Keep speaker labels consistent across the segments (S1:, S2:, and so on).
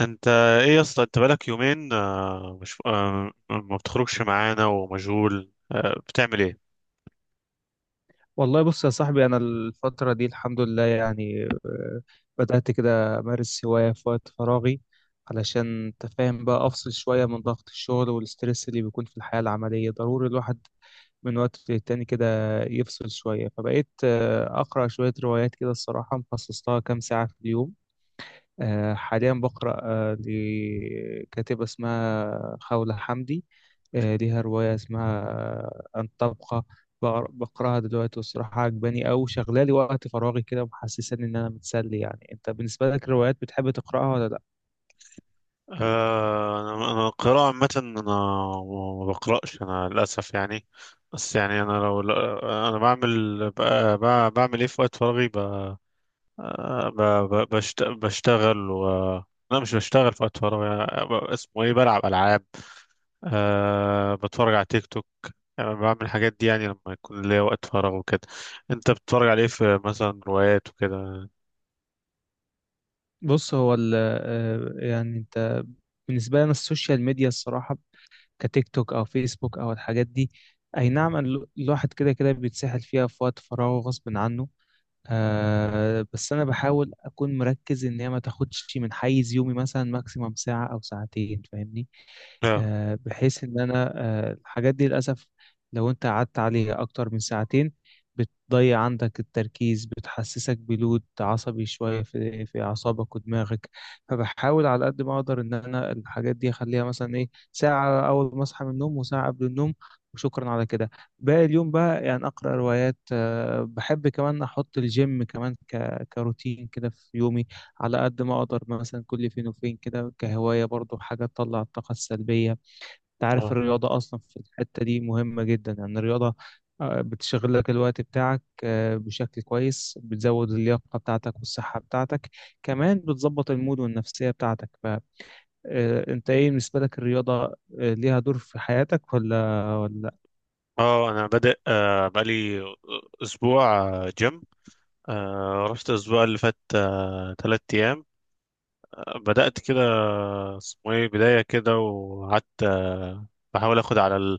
S1: انت، ايه يا اسطى؟ انت بقالك يومين مش ما بتخرجش معانا ومشغول، بتعمل ايه؟
S2: والله بص يا صاحبي، أنا الفترة دي الحمد لله يعني بدأت كده أمارس هواية في وقت فراغي. علشان أنت فاهم بقى أفصل شوية من ضغط الشغل والسترس اللي بيكون في الحياة العملية، ضروري الواحد من وقت للتاني كده يفصل شوية. فبقيت أقرأ شوية روايات كده، الصراحة مخصص لها كام ساعة في اليوم. حاليا بقرأ لكاتبة اسمها خولة حمدي. ليها رواية اسمها أن تبقى. بقراها دلوقتي، والصراحة عجباني أوي، شغلالي وقت فراغي كده ومحسساني إن أنا متسلي. يعني أنت بالنسبة لك الروايات بتحب تقرأها ولا لأ؟
S1: أنا القراءة عامة، انا ما بقرأش، انا للاسف يعني. بس يعني انا لو لا- انا بعمل بعمل ايه في وقت فراغي؟ آه، ب- بشتغل و لا، مش بشتغل في وقت فراغي. اسمه ايه، بلعب العاب. بتفرج على تيك توك. يعني أنا بعمل الحاجات دي يعني لما يكون ليا وقت فراغ وكده. انت بتتفرج على ايه، في مثلا روايات وكده؟
S2: بص هو ال يعني أنت بالنسبة لنا السوشيال ميديا، الصراحة كتيك توك أو فيسبوك أو الحاجات دي، أي نعم الواحد كده كده بيتسحل فيها في وقت فراغه غصب عنه. آه بس أنا بحاول أكون مركز إن هي ما تاخدش من حيز يومي، مثلا ماكسيمم ساعة أو ساعتين، فاهمني؟
S1: اه،
S2: بحيث ان انا، الحاجات دي للاسف لو انت قعدت عليها اكتر من ساعتين، بتضيع عندك التركيز، بتحسسك بلود عصبي شوية في اعصابك ودماغك. فبحاول على قد ما اقدر ان انا الحاجات دي اخليها مثلا ايه، ساعة اول ما اصحى من النوم وساعة قبل النوم، وشكرا على كده. باقي اليوم بقى يعني اقرا روايات، بحب كمان احط الجيم كمان ك... كروتين كده في يومي، على قد ما اقدر، مثلا كل فين وفين كده، كهواية برضو، حاجة تطلع الطاقة السلبية. انت عارف
S1: اه،
S2: الرياضة أصلا في الحتة دي مهمة جدا، يعني الرياضة بتشغل لك الوقت بتاعك بشكل كويس، بتزود اللياقة بتاعتك والصحة بتاعتك، كمان بتظبط المود والنفسية بتاعتك. فأنت إيه بالنسبة لك الرياضة ليها دور في حياتك ولا
S1: اه، انا بادئ بقالي اسبوع جيم. رحت الاسبوع اللي فات تلات ايام. بدأت كده، اسمه ايه، بداية كده، وقعدت بحاول اخد على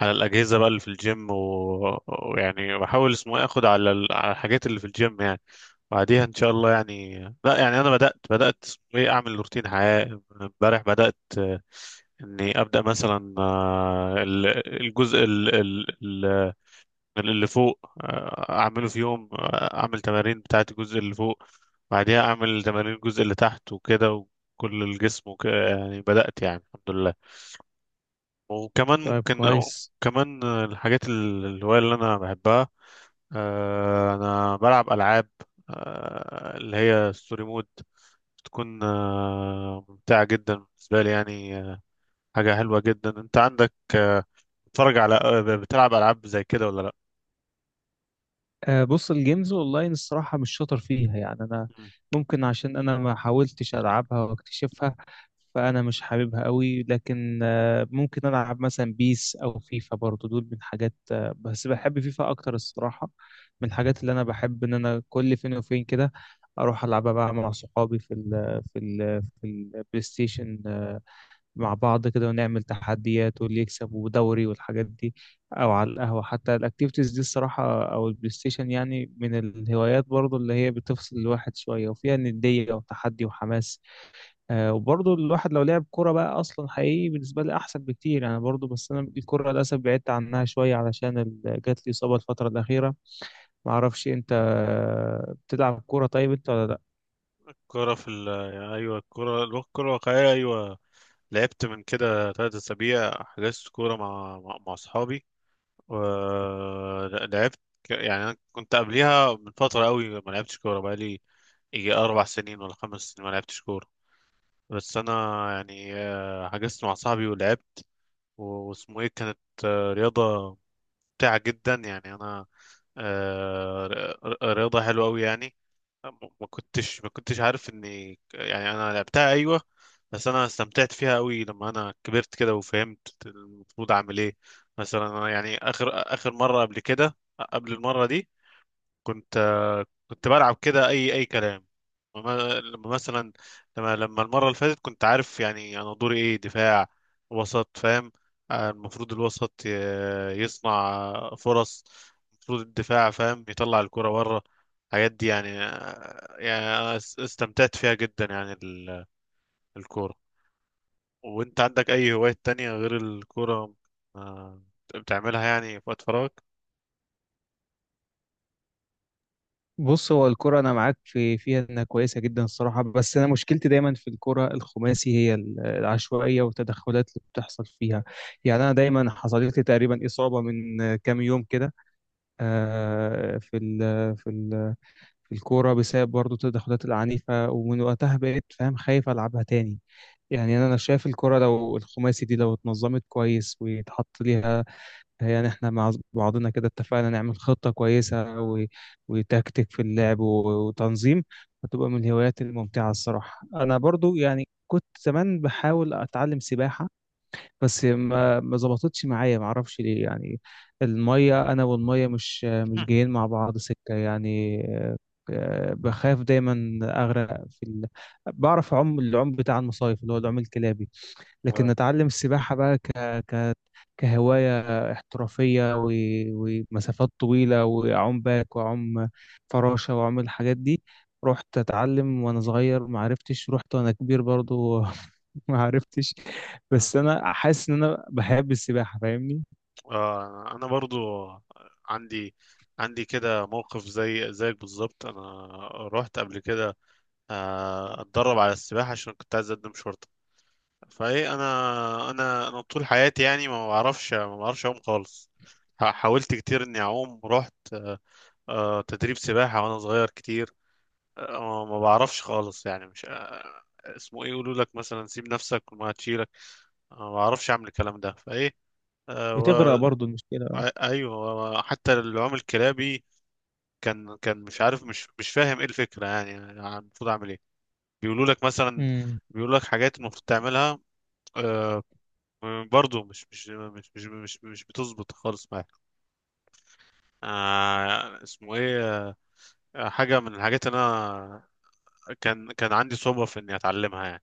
S1: على الأجهزة بقى اللي في الجيم ويعني بحاول، اسمه ايه، اخد على على الحاجات اللي في الجيم يعني. بعديها ان شاء الله. يعني لا، يعني انا بدات ايه، اعمل روتين حياه. امبارح بدات اني ابدا مثلا الجزء اللي فوق، اعمله في يوم. اعمل تمارين بتاعه الجزء اللي فوق، بعديها اعمل تمارين الجزء اللي تحت وكده، وكل الجسم وكده، يعني بدات يعني الحمد لله. وكمان
S2: طيب
S1: ممكن
S2: كويس.
S1: كمان الحاجات الهوايه اللي انا بحبها، انا بلعب العاب اللي هي ستوري مود. بتكون ممتعه جدا بالنسبه لي يعني. حاجه حلوه جدا. انت عندك بتتفرج على آه، بتلعب العاب زي كده ولا لا؟
S2: بص الجيمز اونلاين الصراحه مش شاطر فيها يعني انا.
S1: مم.
S2: ممكن عشان انا ما حاولتش العبها واكتشفها، فانا مش حاببها قوي. لكن ممكن العب مثلا بيس او فيفا، برضو دول من حاجات بس بحب فيفا اكتر الصراحه. من الحاجات اللي انا بحب ان انا كل فين وفين كده اروح العبها بقى مع صحابي في ال في ال في البلاي ستيشن مع بعض كده، ونعمل تحديات واللي يكسب ودوري والحاجات دي، او على القهوة حتى. الاكتيفيتيز دي الصراحة او البلاي ستيشن يعني من الهوايات برضو اللي هي بتفصل الواحد شوية وفيها ندية وتحدي وحماس. آه وبرضو الواحد لو لعب كرة بقى اصلا حقيقي بالنسبة لي احسن بكتير. انا برضو بس انا الكرة للاسف بعدت عنها شوية علشان جات لي اصابة الفترة الاخيرة. معرفش انت بتلعب كرة طيب انت ولا لا؟
S1: كرة في يعني ايوه، الكرة الكرة الواقعية، ايوه. لعبت من كده ثلاث اسابيع، حجزت كورة مع اصحابي ولعبت. يعني انا كنت قبليها من فترة قوي ما لعبتش كورة، بقالي يجي اربع سنين ولا خمس سنين ما لعبتش كورة. بس انا يعني حجزت مع صاحبي ولعبت، واسمه ايه، كانت رياضة ممتعة جدا يعني. انا آه، ر- رياضة حلوة أوي يعني. ما كنتش عارف اني، يعني انا لعبتها ايوه. بس انا استمتعت فيها أوي لما انا كبرت كده وفهمت المفروض اعمل ايه. مثلا انا يعني، اخر مرة قبل كده، قبل المرة دي، كنت بلعب كده اي اي كلام. لما مثلا، لما المره اللي فاتت كنت عارف يعني انا دوري ايه، دفاع وسط، فاهم. المفروض الوسط يصنع فرص، المفروض الدفاع فاهم يطلع الكرة بره. الحاجات دي يعني يعني انا استمتعت فيها جدا يعني الكوره. وانت عندك اي هوايات تانية غير الكوره آه، بتعملها يعني في وقت فراغك؟
S2: بص هو الكرة أنا معاك في فيها إنها كويسة جدا الصراحة، بس أنا مشكلتي دايما في الكرة الخماسي هي العشوائية والتدخلات اللي بتحصل فيها. يعني أنا دايما حصلت لي تقريبا إصابة من كام يوم كده آه، في ال آه، في ال آه، في الكورة، بسبب برضو التدخلات العنيفة، ومن وقتها بقيت فاهم خايف ألعبها تاني. يعني أنا شايف الكرة لو الخماسي دي لو اتنظمت كويس ويتحط ليها، هي يعني احنا مع بعضنا كده اتفقنا نعمل خطة كويسة و... وتكتيك في اللعب و... وتنظيم، هتبقى من الهوايات الممتعة الصراحة. أنا برضو يعني كنت زمان بحاول أتعلم سباحة، بس ما ظبطتش معايا، ما أعرفش ليه يعني. المية أنا والمية مش جايين مع بعض سكة يعني. بخاف دايما أغرق في ال... بعرف أعوم العوم بتاع المصايف، اللي هو العوم الكلابي. لكن اتعلم السباحة بقى ك... ك... كهواية احترافية و... ومسافات طويلة، واعوم باك واعوم فراشة واعوم الحاجات دي، رحت اتعلم وانا صغير ما عرفتش، رحت وانا كبير برضو ما عرفتش.
S1: آه.
S2: بس انا حاسس ان انا بحب السباحة، فاهمني؟
S1: انا برضو عندي عندي كده موقف زي زيك بالظبط. انا رحت قبل كده، اتدرب على السباحه عشان كنت عايز اقدم شرطه. فايه، انا طول حياتي يعني ما بعرفش اعوم خالص. حاولت كتير اني اعوم، رحت تدريب سباحه وانا صغير كتير. ما بعرفش خالص يعني، مش اسمه ايه، يقولوا لك مثلا سيب نفسك وما هتشيلك. أنا ما بعرفش اعمل الكلام ده، فايه
S2: بتغرق برضو المشكلة.
S1: ايوه، هو حتى العم الكلابي كان مش عارف، مش فاهم ايه الفكره يعني المفروض اعمل ايه. بيقولوا لك مثلا، بيقولوا لك حاجات المفروض تعملها. آه برضه مش بتظبط خالص معايا. اسمه ايه، حاجه من الحاجات اللي انا كان عندي صعوبه في اني اتعلمها يعني.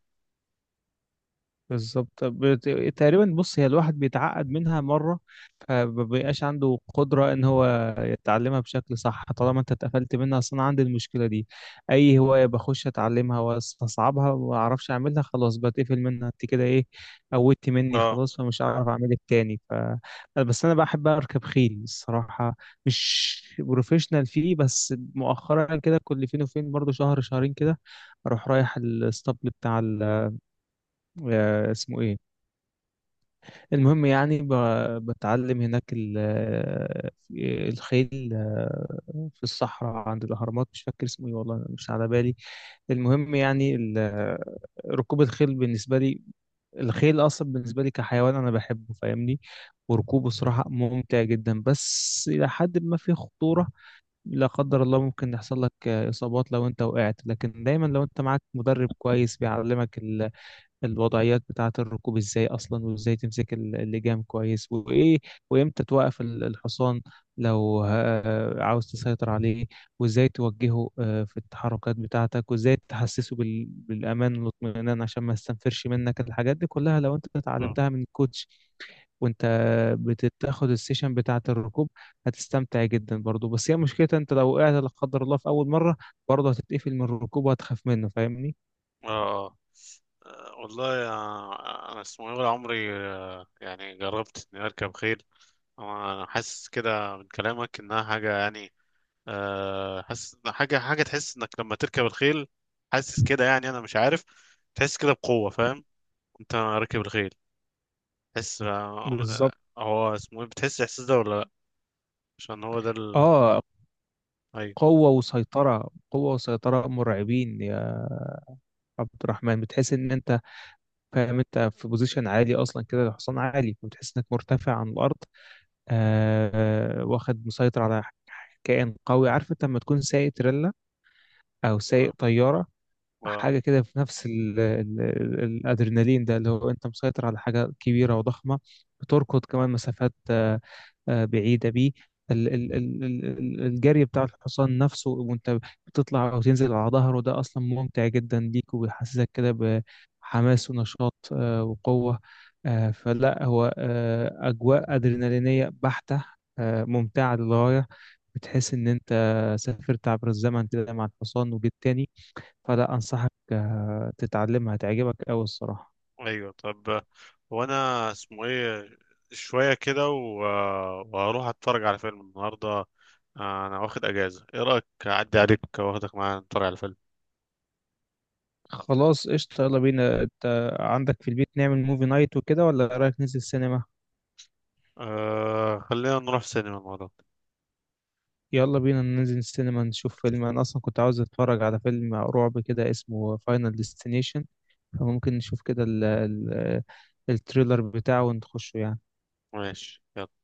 S2: بالظبط. تقريبا بص هي الواحد بيتعقد منها مرة فمبيبقاش عنده قدرة ان هو يتعلمها بشكل صح، طالما انت اتقفلت منها. اصلا عندي المشكلة دي، اي هواية بخش اتعلمها واستصعبها وما اعرفش اعملها، خلاص بتقفل منها. انت كده ايه، قوتت مني
S1: اه.
S2: خلاص فمش هعرف اعملك تاني. ف بس انا بحب اركب خيل الصراحة، مش بروفيشنال فيه، بس مؤخرا كده كل فين وفين برضه شهر شهرين كده اروح رايح الاسطبل بتاع اسمه ايه،
S1: و-
S2: المهم يعني بتعلم هناك الخيل في الصحراء عند الأهرامات، مش فاكر اسمه ايه والله مش على بالي. المهم يعني ركوب الخيل بالنسبة لي، الخيل أصلا بالنسبة لي كحيوان أنا بحبه فاهمني، وركوبه صراحة ممتع جدا، بس إلى حد ما في خطورة. لا قدر الله ممكن يحصل لك إصابات لو أنت وقعت، لكن دايما لو أنت معاك مدرب كويس بيعلمك الوضعيات بتاعة الركوب ازاي اصلا، وازاي تمسك اللجام كويس وايه، وامتى توقف الحصان لو عاوز تسيطر عليه، وازاي توجهه في التحركات بتاعتك، وازاي تحسسه بالامان والاطمئنان عشان ما يستنفرش منك، الحاجات دي كلها لو انت
S1: اه
S2: اتعلمتها من الكوتش وانت بتاخد السيشن بتاعة الركوب هتستمتع جدا برضو. بس هي مشكلتها انت لو وقعت لا قدر الله في اول مرة، برضه هتتقفل من الركوب وهتخاف منه، فاهمني؟
S1: اه والله انا اسمه ايه، ولا عمري يعني جربت اني اركب خيل. انا حاسس كده من كلامك انها حاجه يعني، حاسس إن حاجه تحس انك لما تركب الخيل، حاسس كده يعني، انا مش عارف. تحس كده بقوه، فاهم؟ انت راكب الخيل تحس
S2: بالظبط.
S1: هو اسمه ايه، بتحس الاحساس ده ولا لا؟ عشان هو ده
S2: اه،
S1: ايوه،
S2: قوة وسيطرة، قوة وسيطرة مرعبين يا عبد الرحمن. بتحس ان انت فاهم انت في بوزيشن عالي اصلا كده، الحصان عالي فبتحس انك مرتفع عن الارض، آه واخد مسيطر على كائن قوي. عارف انت لما تكون سايق تريلا او سايق
S1: اه،
S2: طيارة،
S1: اه،
S2: حاجة كده في نفس ال ال ال الأدرينالين ده، اللي هو أنت مسيطر على حاجة كبيرة وضخمة، بتركض كمان مسافات بعيدة بيه. الجري بتاع الحصان نفسه وأنت بتطلع أو تنزل على ظهره ده أصلا ممتع جدا ليك، وبيحسسك كده بحماس ونشاط وقوة. فلا هو أجواء أدرينالينية بحتة، ممتعة للغاية. بتحس إن أنت سافرت عبر الزمن كده مع الحصان وجيت تاني. فلا انصحك تتعلمها هتعجبك قوي الصراحه.
S1: ايوه طب. هو انا، اسمه ايه، شويه كده و... آه، وهروح اتفرج على فيلم النهارده. انا واخد اجازه. ايه رايك اعدي عليك واخدك معايا نتفرج على فيلم؟
S2: خلاص قشطة، يلا بينا. انت عندك في البيت نعمل موفي نايت وكده، ولا رايك ننزل السينما؟
S1: خلينا نروح سينما المرة دي.
S2: يلا بينا ننزل السينما نشوف فيلم. انا اصلا كنت عاوز اتفرج على فيلم رعب كده اسمه فاينل ديستنيشن، فممكن نشوف كده ال ال التريلر بتاعه ونخشه يعني.
S1: ماشي، يلا.